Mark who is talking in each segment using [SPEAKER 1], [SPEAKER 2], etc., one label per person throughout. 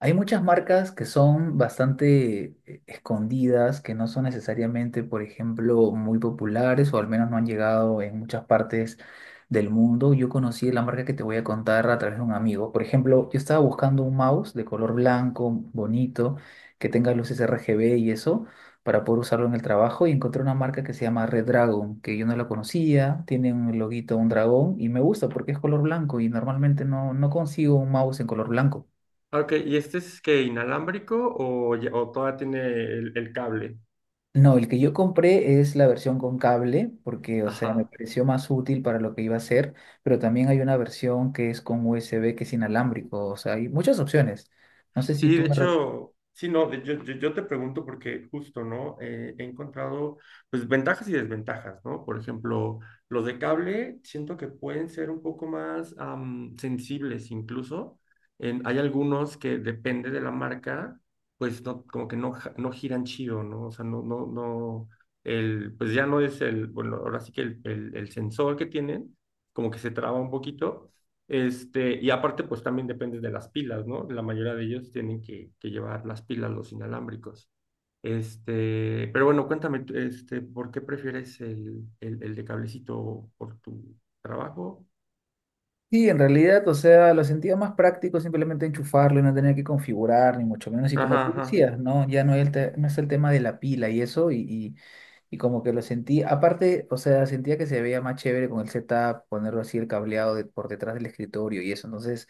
[SPEAKER 1] Hay muchas marcas que son bastante escondidas, que no son necesariamente, por ejemplo, muy populares o al menos no han llegado en muchas partes del mundo. Yo conocí la marca que te voy a contar a través de un amigo. Por ejemplo, yo estaba buscando un mouse de color blanco, bonito, que tenga luces RGB y eso, para poder usarlo en el trabajo y encontré una marca que se llama Red Dragon, que yo no la conocía, tiene un loguito, un dragón y me gusta porque es color blanco y normalmente no consigo un mouse en color blanco.
[SPEAKER 2] Ah, ok, ¿y este es que inalámbrico o, ya- o todavía tiene el cable?
[SPEAKER 1] No, el que yo compré es la versión con cable, porque, o sea, me
[SPEAKER 2] Ajá.
[SPEAKER 1] pareció más útil para lo que iba a hacer, pero también hay una versión que es con USB, que es inalámbrico, o sea, hay muchas opciones. No sé si
[SPEAKER 2] Sí,
[SPEAKER 1] tú...
[SPEAKER 2] de hecho, sí, no, de- yo te pregunto porque justo, ¿no? He encontrado, pues, ventajas y desventajas, ¿no? Por ejemplo, los de cable siento que pueden ser un poco más sensibles incluso. En- hay algunos que depende de la marca, pues, no, como que no, ja- no giran chido, ¿no? O sea, no, el, pues ya no es el, bueno, ahora sí que el sensor que tienen, como que se traba un poquito. Este, y aparte, pues también depende de las pilas, ¿no? La mayoría de ellos tienen que llevar las pilas, los inalámbricos. Este, pero bueno, cuéntame, este, ¿por qué prefieres el de cablecito por tu trabajo?
[SPEAKER 1] Sí, en realidad, o sea, lo sentía más práctico simplemente enchufarlo y no tener que configurar, ni mucho menos. Y como
[SPEAKER 2] Ajá,
[SPEAKER 1] tú
[SPEAKER 2] ajá.
[SPEAKER 1] decías, ¿no? Ya no es no es el tema de la pila y eso, y como que lo sentí, aparte, o sea, sentía que se veía más chévere con el setup, ponerlo así el por detrás del escritorio y eso, entonces...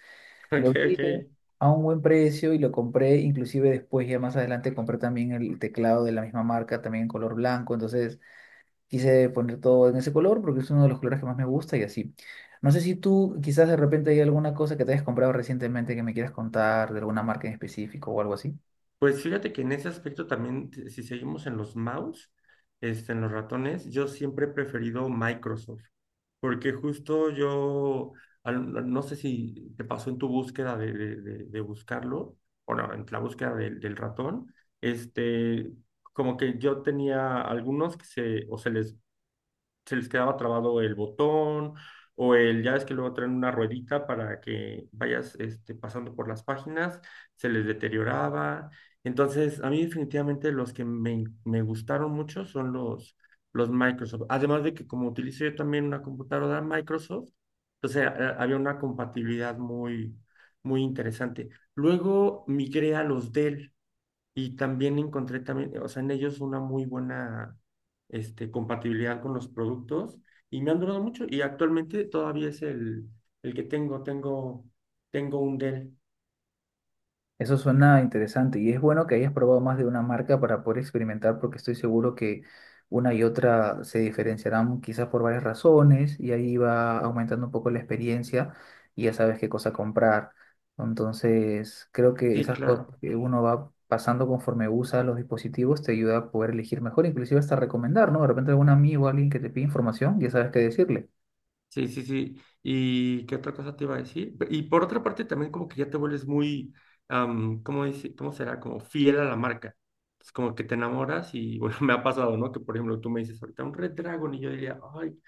[SPEAKER 1] Lo
[SPEAKER 2] Ok,
[SPEAKER 1] vi
[SPEAKER 2] ok.
[SPEAKER 1] de- a un buen precio y lo compré, inclusive después ya más adelante compré también el teclado de la misma marca, también en color blanco, entonces quise poner todo en ese color porque es uno de los colores que más me gusta y así. No sé si tú quizás de repente hay alguna cosa que te hayas comprado recientemente que me quieras contar de alguna marca en específico o algo así.
[SPEAKER 2] Pues fíjate que en ese aspecto también, te- si seguimos en los mouse, este, en los ratones, yo siempre he preferido Microsoft. Porque justo yo, al- no sé si te pasó en tu búsqueda de buscarlo, o no, en la búsqueda del ratón, este, como que yo tenía algunos que se, o se les quedaba trabado el botón o el, ya ves que luego traen una ruedita para que vayas este, pasando por las páginas, se les deterioraba. Entonces, a mí definitivamente los que me gustaron mucho son los Microsoft. Además de que como utilizo yo también una computadora Microsoft, entonces a- había una compatibilidad muy, muy interesante. Luego migré a los Dell. Y también encontré también, o sea, en ellos una muy buena este, compatibilidad con los productos y me han durado mucho y actualmente todavía es el que tengo, tengo un Dell.
[SPEAKER 1] Eso suena interesante y es bueno que hayas probado más de una marca para poder experimentar porque estoy seguro que una y otra se diferenciarán quizás por varias razones y ahí va aumentando un poco la experiencia y ya sabes qué cosa comprar. Entonces, creo que
[SPEAKER 2] Sí,
[SPEAKER 1] esas cosas
[SPEAKER 2] claro.
[SPEAKER 1] que uno va pasando conforme usa los dispositivos te ayuda a poder elegir mejor, inclusive hasta recomendar, ¿no? De repente algún amigo, alguien que te pide información, ya sabes qué decirle.
[SPEAKER 2] Sí, sí, sí. ¿Y qué otra cosa te iba a decir? Pe- y por otra parte también como que ya te vuelves muy, ¿cómo dice, cómo será? Como fiel a la marca. Es como que te enamoras y bueno, me ha pasado, ¿no? Que por ejemplo tú me dices ahorita un Red Dragon y yo diría, ay,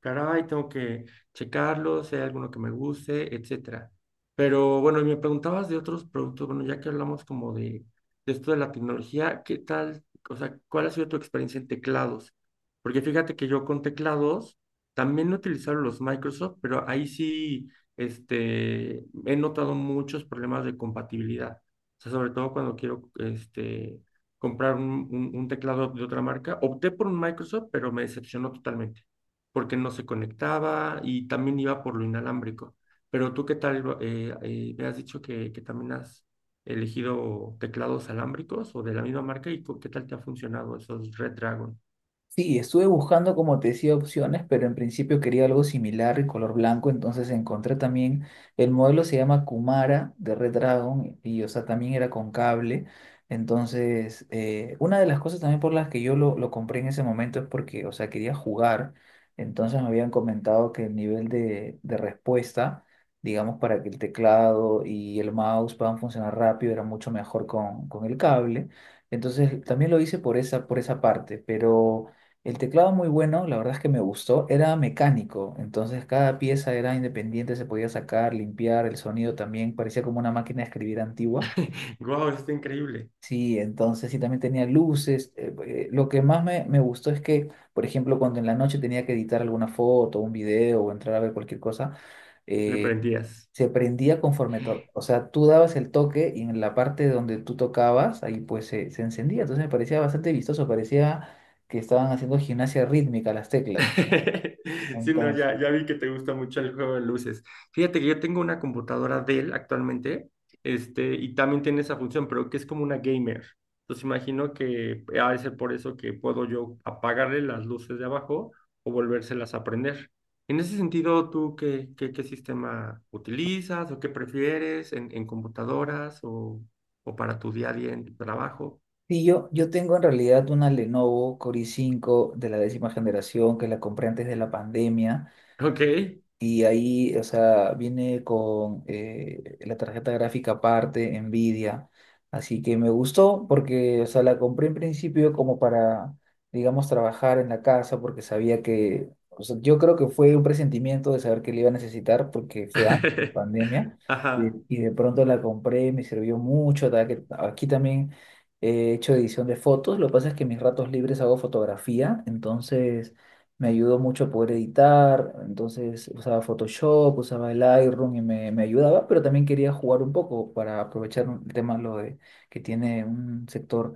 [SPEAKER 2] caray, tengo que checarlo, si hay alguno que me guste, etcétera. Pero bueno, y me preguntabas de otros productos, bueno, ya que hablamos como de esto de la tecnología, ¿qué tal? O sea, ¿cuál ha sido tu experiencia en teclados? Porque fíjate que yo con teclados también he utilizado los Microsoft, pero ahí sí, este, he notado muchos problemas de compatibilidad. O sea, sobre todo cuando quiero, este, comprar un, un teclado de otra marca. Opté por un Microsoft, pero me decepcionó totalmente porque no se conectaba y también iba por lo inalámbrico. Pero tú, ¿qué tal? Me has dicho que también has elegido teclados alámbricos o de la misma marca y cu- ¿qué tal te ha funcionado esos Red Dragon?
[SPEAKER 1] Sí, estuve buscando, como te decía, opciones, pero en principio quería algo similar y color blanco, entonces encontré también, el modelo se llama Kumara de Red Dragon y, o sea, también era con cable. Entonces, una de las cosas también por las que lo compré en ese momento es porque, o sea, quería jugar, entonces me habían comentado que el nivel de respuesta, digamos, para que el teclado y el mouse puedan funcionar rápido, era mucho mejor con el cable. Entonces, también lo hice por esa parte, pero... El teclado muy bueno, la verdad es que me gustó, era mecánico, entonces cada pieza era independiente, se podía sacar, limpiar, el sonido también parecía como una máquina de escribir antigua.
[SPEAKER 2] ¡Guau! Está increíble.
[SPEAKER 1] Sí, entonces sí también tenía luces. Lo que más me gustó es que, por ejemplo, cuando en la noche tenía que editar alguna foto, un video o entrar a ver cualquier cosa,
[SPEAKER 2] Le
[SPEAKER 1] eh,
[SPEAKER 2] prendías.
[SPEAKER 1] se prendía o sea, tú dabas el toque y en la parte donde tú tocabas, ahí pues se encendía, entonces me parecía bastante vistoso, parecía que estaban haciendo gimnasia rítmica las teclas.
[SPEAKER 2] Sí, no,
[SPEAKER 1] Entonces,
[SPEAKER 2] ya, ya vi que te gusta mucho el juego de luces. Fíjate que yo tengo una computadora Dell actualmente, este, y también tiene esa función, pero que es como una gamer. Entonces imagino que ha de ser por eso que puedo yo apagarle las luces de abajo o volvérselas a prender. En ese sentido, ¿tú qué sistema utilizas o qué prefieres en computadoras o para tu día a día en tu trabajo?
[SPEAKER 1] sí, yo tengo en realidad una Lenovo Core i cinco de la décima generación que la compré antes de la pandemia.
[SPEAKER 2] Ok.
[SPEAKER 1] Y ahí, o sea, viene con la tarjeta gráfica aparte, Nvidia. Así que me gustó porque, o sea, la compré en principio como para, digamos, trabajar en la casa porque sabía que, o sea, yo creo que fue un presentimiento de saber que le iba a necesitar porque fue antes de la pandemia.
[SPEAKER 2] Ajá.
[SPEAKER 1] Y de pronto la compré, me sirvió mucho. Da que Aquí también he hecho edición de fotos. Lo que pasa es que en mis ratos libres hago fotografía, entonces me ayudó mucho a poder editar, entonces usaba Photoshop, usaba el Lightroom y me ayudaba, pero también quería jugar un poco para aprovechar el tema lo de, que tiene un sector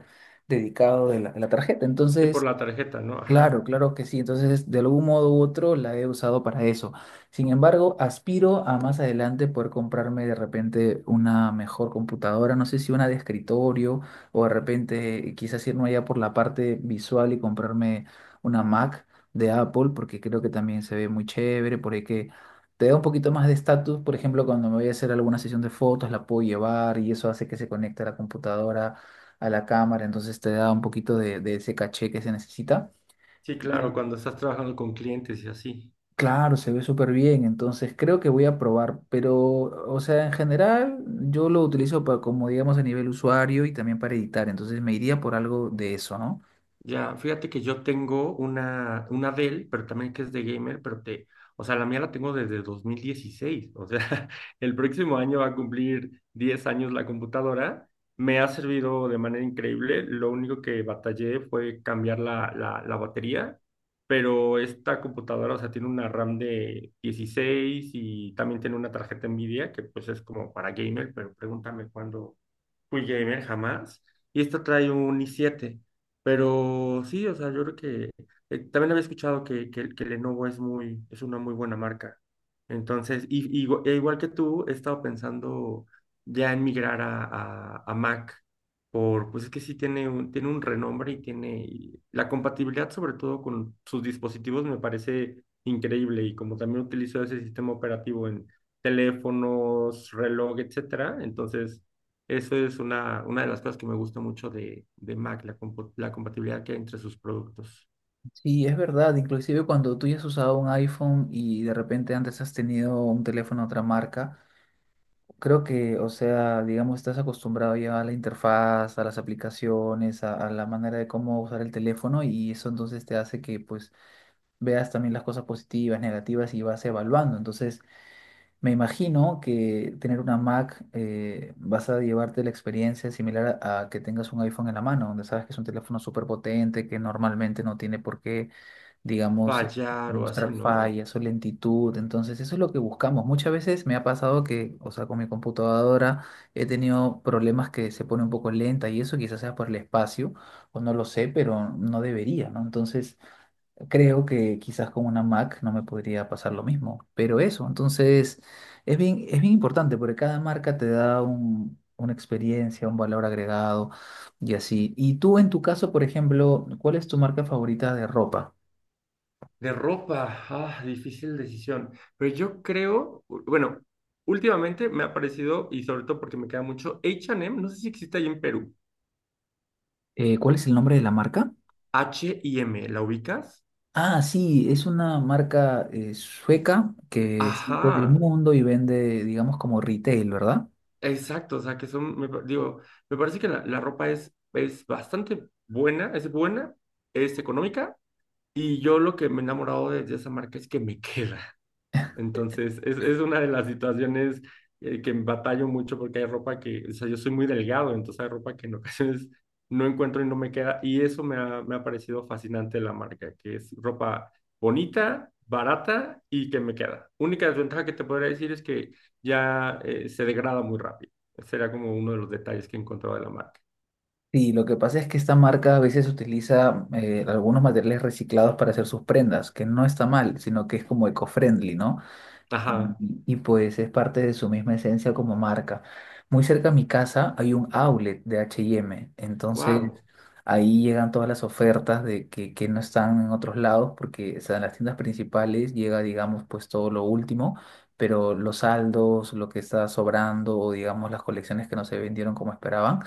[SPEAKER 1] dedicado de de la tarjeta.
[SPEAKER 2] Sí, por
[SPEAKER 1] Entonces
[SPEAKER 2] la tarjeta, ¿no?
[SPEAKER 1] claro,
[SPEAKER 2] Ajá.
[SPEAKER 1] claro que sí. Entonces, de algún modo u otro la he usado para eso. Sin embargo, aspiro a más adelante poder comprarme de repente una mejor computadora, no sé si una de escritorio o de repente quizás irme allá por la parte visual y comprarme una Mac de Apple, porque creo que también se ve muy chévere, por ahí que te da un poquito más de estatus. Por ejemplo, cuando me voy a hacer alguna sesión de fotos, la puedo llevar y eso hace que se conecte a la computadora, a la cámara, entonces te da un poquito de ese caché que se necesita.
[SPEAKER 2] Sí, claro,
[SPEAKER 1] Y
[SPEAKER 2] cuando estás trabajando con clientes y así.
[SPEAKER 1] claro, se ve súper bien, entonces creo que voy a probar, pero, o sea, en general yo lo utilizo para, como digamos, a nivel usuario y también para editar, entonces me iría por algo de eso, ¿no?
[SPEAKER 2] Ya, fíjate que yo tengo una Dell, pero también que es de gamer, pero te, o sea, la mía la tengo desde 2016. O sea, el próximo año va a cumplir 10 años la computadora. Me ha servido de manera increíble. Lo único que batallé fue cambiar la batería, pero esta computadora, o sea, tiene una RAM de 16 y también tiene una tarjeta NVIDIA, que pues es como para gamer, pero pregúntame cuándo fui gamer jamás. Y esta trae un i7. Pero sí, o sea, yo creo que también había escuchado que Lenovo es muy, es una muy buena marca. Entonces, y igu- e igual que tú, he estado pensando ya en migrar a, a Mac. Por, pues es que sí tiene un renombre y tiene y la compatibilidad, sobre todo con sus dispositivos, me parece increíble. Y como también utilizo ese sistema operativo en teléfonos, reloj, etcétera, entonces eso es una de las cosas que me gusta mucho de Mac, la, compo- la compatibilidad que hay entre sus productos.
[SPEAKER 1] Sí, es verdad, inclusive cuando tú ya has usado un iPhone y de repente antes has tenido un teléfono de otra marca, creo que, o sea, digamos, estás acostumbrado ya a la interfaz, a las aplicaciones, a la manera de cómo usar el teléfono y eso entonces te hace que, pues, veas también las cosas positivas, negativas y vas evaluando, entonces... Me imagino que tener una Mac vas a llevarte la experiencia similar a que tengas un iPhone en la mano, donde sabes que es un teléfono súper potente, que normalmente no tiene por qué, digamos,
[SPEAKER 2] Fallar o así,
[SPEAKER 1] mostrar
[SPEAKER 2] ¿no?
[SPEAKER 1] fallas o lentitud. Entonces, eso es lo que buscamos. Muchas veces me ha pasado que, o sea, con mi computadora he tenido problemas que se pone un poco lenta y eso quizás sea por el espacio, o no lo sé, pero no debería, ¿no? Entonces... Creo que quizás con una Mac no me podría pasar lo mismo, pero eso, entonces es bien importante porque cada marca te da un, una experiencia, un valor agregado y así. Y tú en tu caso, por ejemplo, ¿cuál es tu marca favorita de ropa?
[SPEAKER 2] De ropa, ah, difícil decisión. Pero yo creo, u- bueno, últimamente me ha parecido, y sobre todo porque me queda mucho, H&M, no sé si existe ahí en Perú.
[SPEAKER 1] ¿Cuál es el nombre de la marca?
[SPEAKER 2] H y M, ¿la ubicas?
[SPEAKER 1] Ah, sí, es una marca sueca que está en todo el
[SPEAKER 2] Ajá,
[SPEAKER 1] mundo y vende, digamos, como retail, ¿verdad?
[SPEAKER 2] exacto, o sea que son, me pa- digo, me parece que la ropa es bastante buena, es económica. Y yo lo que me he enamorado de esa marca es que me queda. Entonces, es una de las situaciones que batallo mucho porque hay ropa que, o sea, yo soy muy delgado, entonces hay ropa que en ocasiones no encuentro y no me queda. Y eso me ha parecido fascinante de la marca, que es ropa bonita, barata y que me queda. Única desventaja que te podría decir es que ya se degrada muy rápido. Ese era como uno de los detalles que he encontrado de la marca.
[SPEAKER 1] Sí, lo que pasa es que esta marca a veces utiliza algunos materiales reciclados para hacer sus prendas, que no está mal, sino que es como eco-friendly, ¿no?
[SPEAKER 2] Ajá,
[SPEAKER 1] Pues es parte de su misma esencia como marca. Muy cerca a mi casa hay un outlet de H&M, entonces
[SPEAKER 2] wow,
[SPEAKER 1] ahí llegan todas las ofertas de que no están en otros lados, porque o sea, en las tiendas principales llega, digamos, pues todo lo último, pero los saldos, lo que está sobrando o digamos las colecciones que no se vendieron como esperaban.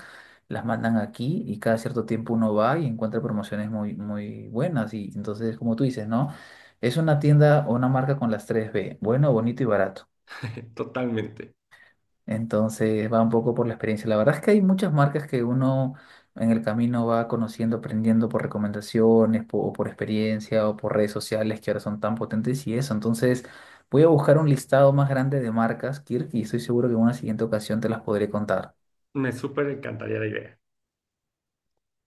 [SPEAKER 1] Las mandan aquí y cada cierto tiempo uno va y encuentra promociones muy, muy buenas y entonces como tú dices, ¿no? Es una tienda o una marca con las tres b: bueno, bonito y barato.
[SPEAKER 2] totalmente.
[SPEAKER 1] Entonces va un poco por la experiencia. La verdad es que hay muchas marcas que uno en el camino va conociendo, aprendiendo por recomendaciones, o por experiencia, o por redes sociales que ahora son tan potentes y eso. Entonces voy a buscar un listado más grande de marcas, Kirk, y estoy seguro que en una siguiente ocasión te las podré contar.
[SPEAKER 2] Me súper encantaría la idea.